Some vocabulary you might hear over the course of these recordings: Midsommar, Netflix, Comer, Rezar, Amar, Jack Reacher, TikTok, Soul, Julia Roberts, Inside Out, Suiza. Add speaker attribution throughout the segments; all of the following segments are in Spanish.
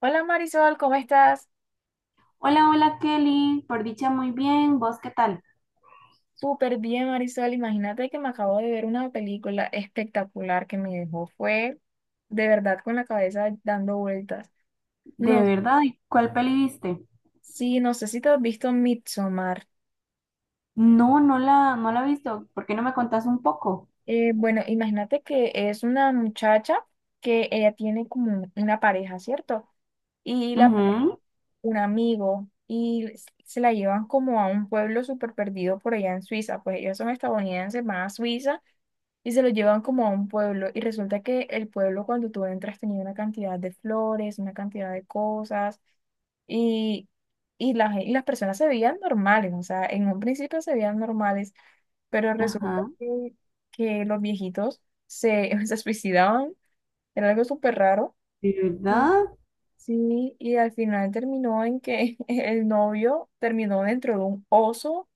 Speaker 1: Hola Marisol, ¿cómo estás?
Speaker 2: Hola, hola Kelly, por dicha muy bien, ¿vos qué tal?
Speaker 1: Súper bien, Marisol. Imagínate que me acabo de ver una película espectacular que me dejó. Fue de verdad con la cabeza dando vueltas.
Speaker 2: De
Speaker 1: No,
Speaker 2: verdad, ¿y cuál peli viste?
Speaker 1: sí, no sé si te has visto Midsommar.
Speaker 2: No, no la he visto, ¿por qué no me contás un poco?
Speaker 1: Bueno, imagínate que es una muchacha que ella tiene como una pareja, ¿cierto? Y
Speaker 2: Ujú,
Speaker 1: un amigo, y se la llevan como a un pueblo súper perdido por allá en Suiza. Pues ellos son estadounidenses, van a Suiza y se lo llevan como a un pueblo. Y resulta que el pueblo cuando tú entras tenía una cantidad de flores, una cantidad de cosas y, y las personas se veían normales, o sea, en un principio se veían normales, pero resulta
Speaker 2: Ajá,
Speaker 1: que los viejitos se suicidaban, era algo súper raro.
Speaker 2: ¿de
Speaker 1: Y,
Speaker 2: verdad?
Speaker 1: sí, y al final terminó en que el novio terminó dentro de un oso.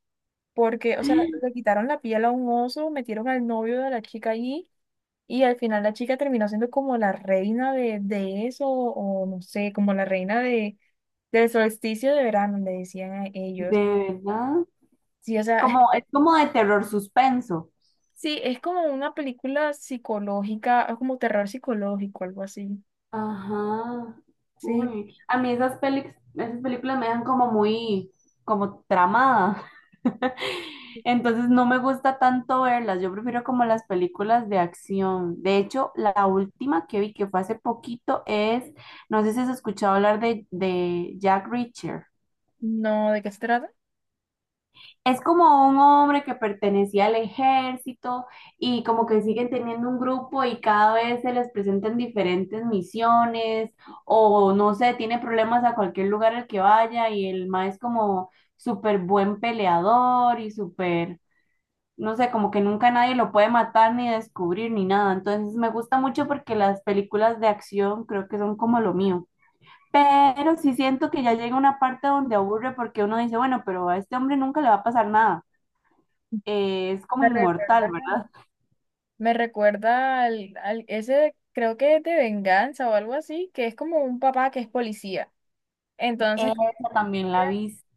Speaker 1: Porque, o sea, le quitaron la piel a un oso, metieron al novio de la chica allí y al final la chica terminó siendo como la reina de eso, o no sé, como la reina del solsticio de verano, le decían a
Speaker 2: ¿De
Speaker 1: ellos.
Speaker 2: verdad?
Speaker 1: Sí, o sea,
Speaker 2: Como, es como de terror suspenso.
Speaker 1: sí, es como una película psicológica, es como terror psicológico, algo así.
Speaker 2: Ajá.
Speaker 1: Sí,
Speaker 2: Uy. A mí esas películas me dejan como muy, como tramada. Entonces no me gusta tanto verlas. Yo prefiero como las películas de acción. De hecho, la última que vi que fue hace poquito es, no sé si has escuchado hablar de Jack Reacher.
Speaker 1: no, ¿de qué se trata?
Speaker 2: Es como un hombre que pertenecía al ejército y como que siguen teniendo un grupo y cada vez se les presentan diferentes misiones o no sé, tiene problemas a cualquier lugar al que vaya y el ma es como súper buen peleador y súper, no sé, como que nunca nadie lo puede matar ni descubrir ni nada. Entonces me gusta mucho porque las películas de acción creo que son como lo mío. Pero sí siento que ya llega una parte donde aburre porque uno dice, bueno, pero a este hombre nunca le va a pasar nada, es como
Speaker 1: Me
Speaker 2: inmortal,
Speaker 1: recuerda,
Speaker 2: ¿verdad?
Speaker 1: me recuerda ese, creo que es de venganza o algo así, que es como un papá que es policía. Entonces,
Speaker 2: Esa también la he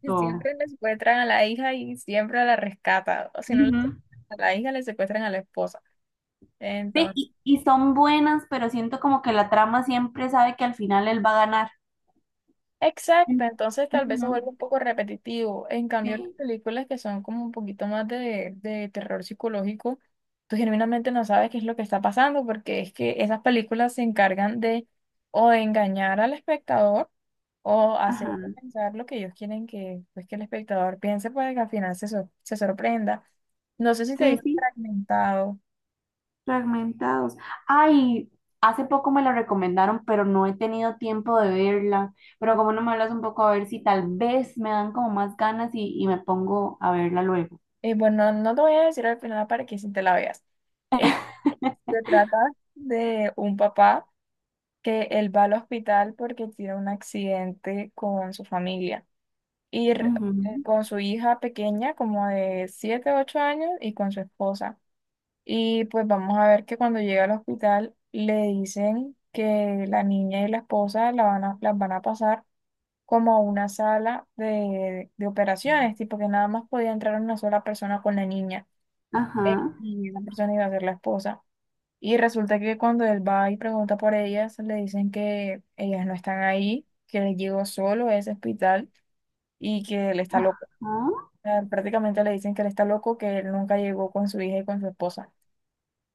Speaker 1: que siempre le secuestran a la hija y siempre la rescatan. O si no, le
Speaker 2: Ujú.
Speaker 1: secuestran a la hija, le secuestran a la esposa.
Speaker 2: Sí,
Speaker 1: Entonces,
Speaker 2: y son buenas, pero siento como que la trama siempre sabe que al final él va a ganar. Mm,
Speaker 1: exacto, entonces tal vez se vuelve
Speaker 2: ujú,
Speaker 1: un poco repetitivo. En cambio, las
Speaker 2: sí,
Speaker 1: películas que son como un poquito más de terror psicológico, tú genuinamente no sabes qué es lo que está pasando porque es que esas películas se encargan de o de engañar al espectador o hacer
Speaker 2: ajá.
Speaker 1: pensar lo que ellos quieren, que, pues, que el espectador piense para que al final se sorprenda. No sé si te
Speaker 2: Sí,
Speaker 1: viste
Speaker 2: sí,
Speaker 1: fragmentado.
Speaker 2: fragmentados. Ay, hace poco me la recomendaron, pero no he tenido tiempo de verla. Pero como no me hablas un poco, a ver si tal vez me dan como más ganas y me pongo a verla luego.
Speaker 1: Bueno, no te voy a decir al final para que si te la veas. Eh, Se trata de un papá que él va al hospital porque tiene un accidente con su familia y
Speaker 2: Ujú,
Speaker 1: con su hija pequeña como de 7 o 8 años y con su esposa. Y pues vamos a ver que cuando llega al hospital le dicen que la niña y la esposa las van a pasar como a una sala de operaciones, tipo que nada más podía entrar una sola persona con la niña,
Speaker 2: ajá,
Speaker 1: y la persona iba a ser la esposa. Y resulta que cuando él va y pregunta por ellas, le dicen que ellas no están ahí, que él llegó solo a ese hospital y que él está
Speaker 2: ajá.
Speaker 1: loco. O sea, prácticamente le dicen que él está loco, que él nunca llegó con su hija y con su esposa.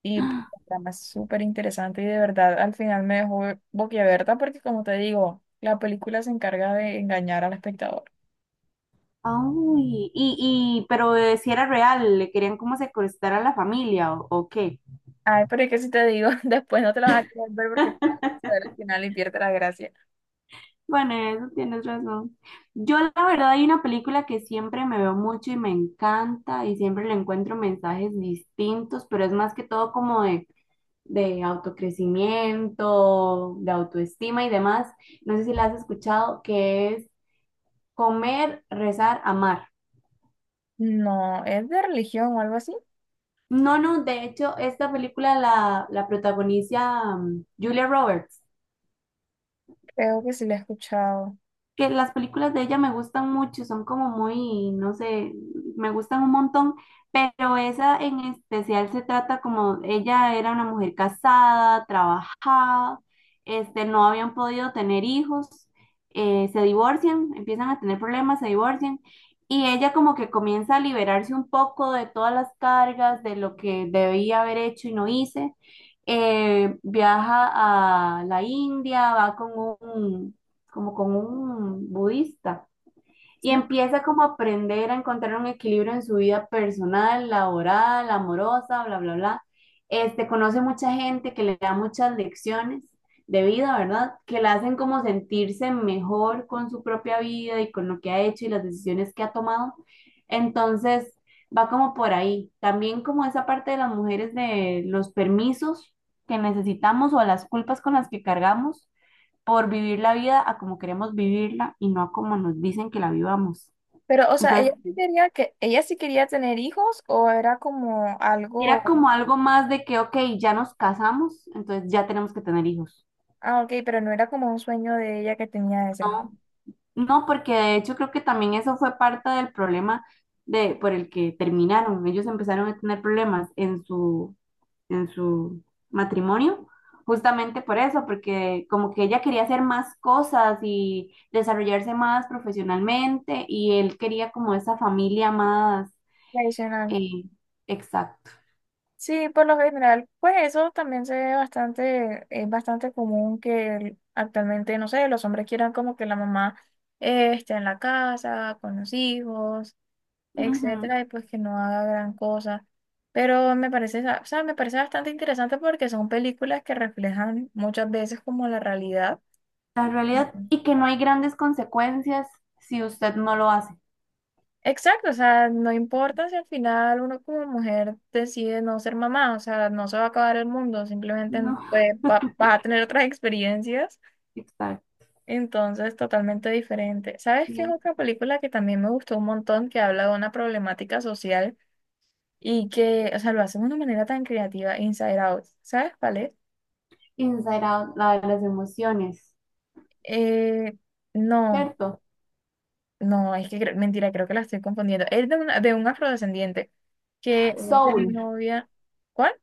Speaker 1: Y pues, el programa es súper interesante y de verdad al final me dejó boquiabierta porque, como te digo, la película se encarga de engañar al espectador.
Speaker 2: Ay, y, pero si era real, le querían como secuestrar a la familia o qué.
Speaker 1: Ay, pero es que si te digo, después no te la vas a querer ver porque te vas a ver al final y pierde la gracia.
Speaker 2: Bueno, en eso tienes razón. Yo la verdad hay una película que siempre me veo mucho y me encanta y siempre le encuentro mensajes distintos, pero es más que todo como de autocrecimiento, de autoestima y demás. No sé si la has escuchado, que es Comer, Rezar, Amar.
Speaker 1: No, es de religión o algo así.
Speaker 2: No, no, de hecho, esta película la protagoniza Julia Roberts.
Speaker 1: Creo que sí la he escuchado.
Speaker 2: Que las películas de ella me gustan mucho, son como muy, no sé, me gustan un montón, pero esa en especial se trata como ella era una mujer casada, trabajada, este, no habían podido tener hijos, se divorcian, empiezan a tener problemas, se divorcian. Y ella como que comienza a liberarse un poco de todas las cargas, de lo que debía haber hecho y no hice. Viaja a la India, va con un, como con un budista. Y
Speaker 1: ¿Sí?
Speaker 2: empieza como a aprender a encontrar un equilibrio en su vida personal, laboral, amorosa, bla, bla, bla. Este, conoce mucha gente que le da muchas lecciones de vida, ¿verdad? Que la hacen como sentirse mejor con su propia vida y con lo que ha hecho y las decisiones que ha tomado. Entonces, va como por ahí. También como esa parte de las mujeres de los permisos que necesitamos o las culpas con las que cargamos por vivir la vida a como queremos vivirla y no a como nos dicen que la vivamos.
Speaker 1: Pero, o sea,
Speaker 2: Entonces,
Speaker 1: ella sí quería tener hijos o era como
Speaker 2: era
Speaker 1: algo.
Speaker 2: como algo más de que, ok, ya nos casamos, entonces ya tenemos que tener hijos.
Speaker 1: Ah, ok, pero no era como un sueño de ella que tenía de ser
Speaker 2: No, no, porque de hecho creo que también eso fue parte del problema por el que terminaron. Ellos empezaron a tener problemas en su matrimonio. Justamente por eso, porque como que ella quería hacer más cosas y desarrollarse más profesionalmente y él quería como esa familia más,
Speaker 1: tradicional.
Speaker 2: Eh, exacto.
Speaker 1: Sí, por lo general, pues eso también se ve bastante, es bastante común que actualmente, no sé, los hombres quieran como que la mamá esté en la casa, con los hijos,
Speaker 2: Ujú.
Speaker 1: etcétera, y pues que no haga gran cosa. Pero me parece, o sea, me parece bastante interesante porque son películas que reflejan muchas veces como la realidad.
Speaker 2: La realidad, y que no hay grandes consecuencias si usted no lo hace.
Speaker 1: Exacto, o sea, no importa si al final uno como mujer decide no ser mamá, o sea, no se va a acabar el mundo, simplemente,
Speaker 2: No,
Speaker 1: pues, vas a tener otras experiencias,
Speaker 2: exacto.
Speaker 1: entonces totalmente diferente. ¿Sabes qué es
Speaker 2: Sí.
Speaker 1: otra película que también me gustó un montón, que habla de una problemática social y que, o sea, lo hace de una manera tan creativa? Inside Out. ¿Sabes cuál es?
Speaker 2: Inside Out, la de las emociones,
Speaker 1: Eh, no,
Speaker 2: ¿cierto?
Speaker 1: no, es que mentira, creo que la estoy confundiendo. Es de un afrodescendiente que es de
Speaker 2: Soul,
Speaker 1: novia. ¿Cuál?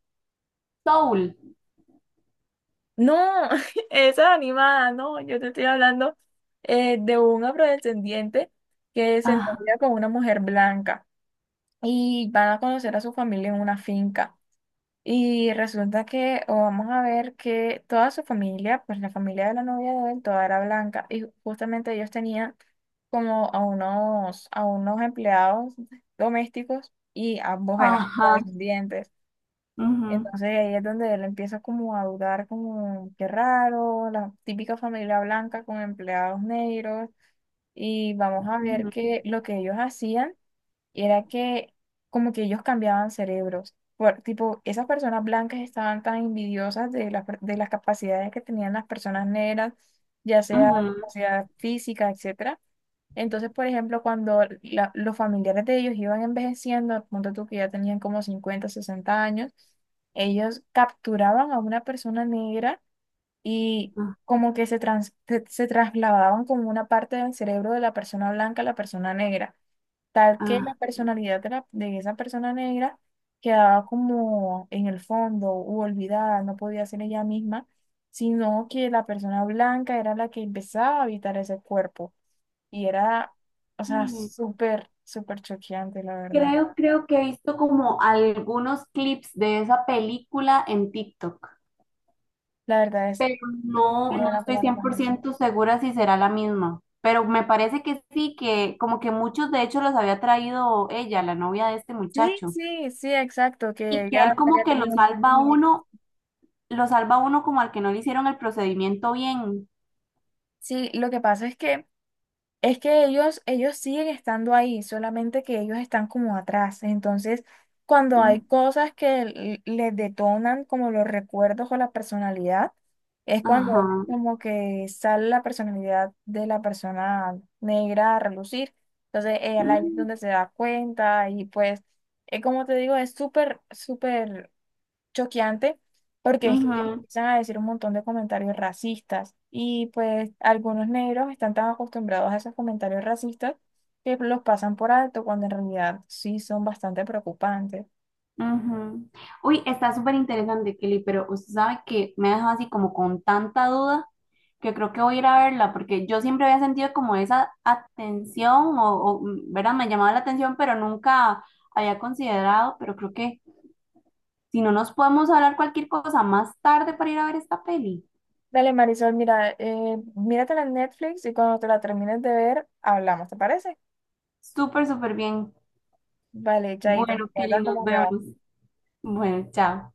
Speaker 2: Soul.
Speaker 1: No, esa animada, no, yo te estoy hablando, de un afrodescendiente que se
Speaker 2: Ajá,
Speaker 1: novia con una mujer blanca y van a conocer a su familia en una finca. Y resulta que, o vamos a ver, que toda su familia, pues la familia de la novia de él, toda era blanca y justamente ellos tenían como a unos a unos empleados domésticos y ambos eran
Speaker 2: ajá.
Speaker 1: afrodescendientes.
Speaker 2: Ujú,
Speaker 1: Entonces ahí es donde él empieza como a dudar, como qué raro, la típica familia blanca con empleados negros. Y vamos a ver
Speaker 2: ujú,
Speaker 1: que lo que ellos hacían era que como que ellos cambiaban cerebros. Por, tipo, esas personas blancas estaban tan envidiosas de de las capacidades que tenían las personas negras, ya sea
Speaker 2: ujú,
Speaker 1: capacidad física, etcétera. Entonces, por ejemplo, cuando los familiares de ellos iban envejeciendo, punto tú que ya tenían como 50, 60 años, ellos capturaban a una persona negra y
Speaker 2: ah,
Speaker 1: como que se trasladaban como una parte del cerebro de la persona blanca a la persona negra, tal que
Speaker 2: ah.
Speaker 1: la personalidad de esa persona negra quedaba como en el fondo u olvidada, no podía ser ella misma, sino que la persona blanca era la que empezaba a habitar ese cuerpo. Y era, o sea,
Speaker 2: Mm.
Speaker 1: súper, súper choqueante, la verdad.
Speaker 2: Creo que he visto como algunos clips de esa película en TikTok.
Speaker 1: La verdad es,
Speaker 2: Pero
Speaker 1: tú
Speaker 2: no
Speaker 1: la
Speaker 2: estoy
Speaker 1: palabra
Speaker 2: cien por
Speaker 1: también.
Speaker 2: ciento segura si será la misma. Pero me parece que sí, que como que muchos de hecho los había traído ella, la novia de este
Speaker 1: Sí,
Speaker 2: muchacho.
Speaker 1: sí, sí, exacto, que
Speaker 2: Y que
Speaker 1: ella
Speaker 2: él como
Speaker 1: había
Speaker 2: que lo
Speaker 1: tenido
Speaker 2: salva a
Speaker 1: un.
Speaker 2: uno, lo salva a uno como al que no le hicieron el procedimiento bien.
Speaker 1: Sí, lo que pasa es que ellos siguen estando ahí, solamente que ellos están como atrás. Entonces, cuando hay
Speaker 2: Mm,
Speaker 1: cosas que les detonan como los recuerdos o la personalidad, es cuando
Speaker 2: ajá.
Speaker 1: como que sale la personalidad de la persona negra a relucir. Entonces, ella ahí es
Speaker 2: Mm,
Speaker 1: donde se da cuenta y pues, como te digo, es súper, súper choqueante porque es que ellos
Speaker 2: ujú,
Speaker 1: empiezan a decir un montón de comentarios racistas y pues algunos negros están tan acostumbrados a esos comentarios racistas que los pasan por alto cuando en realidad sí son bastante preocupantes.
Speaker 2: ujú. Uy, está súper interesante, Kelly, pero usted sabe que me ha dejado así como con tanta duda que creo que voy a ir a verla, porque yo siempre había sentido como esa atención, o, ¿verdad? Me llamaba la atención, pero nunca había considerado, pero creo que si no nos podemos hablar cualquier cosa más tarde para ir a ver esta peli.
Speaker 1: Dale, Marisol, mira, míratela en Netflix y cuando te la termines de ver, hablamos, ¿te parece?
Speaker 2: Súper, súper bien.
Speaker 1: Vale, chaito, me
Speaker 2: Bueno, Kelly,
Speaker 1: cuentas
Speaker 2: nos
Speaker 1: cómo te va.
Speaker 2: vemos. Bueno, chao.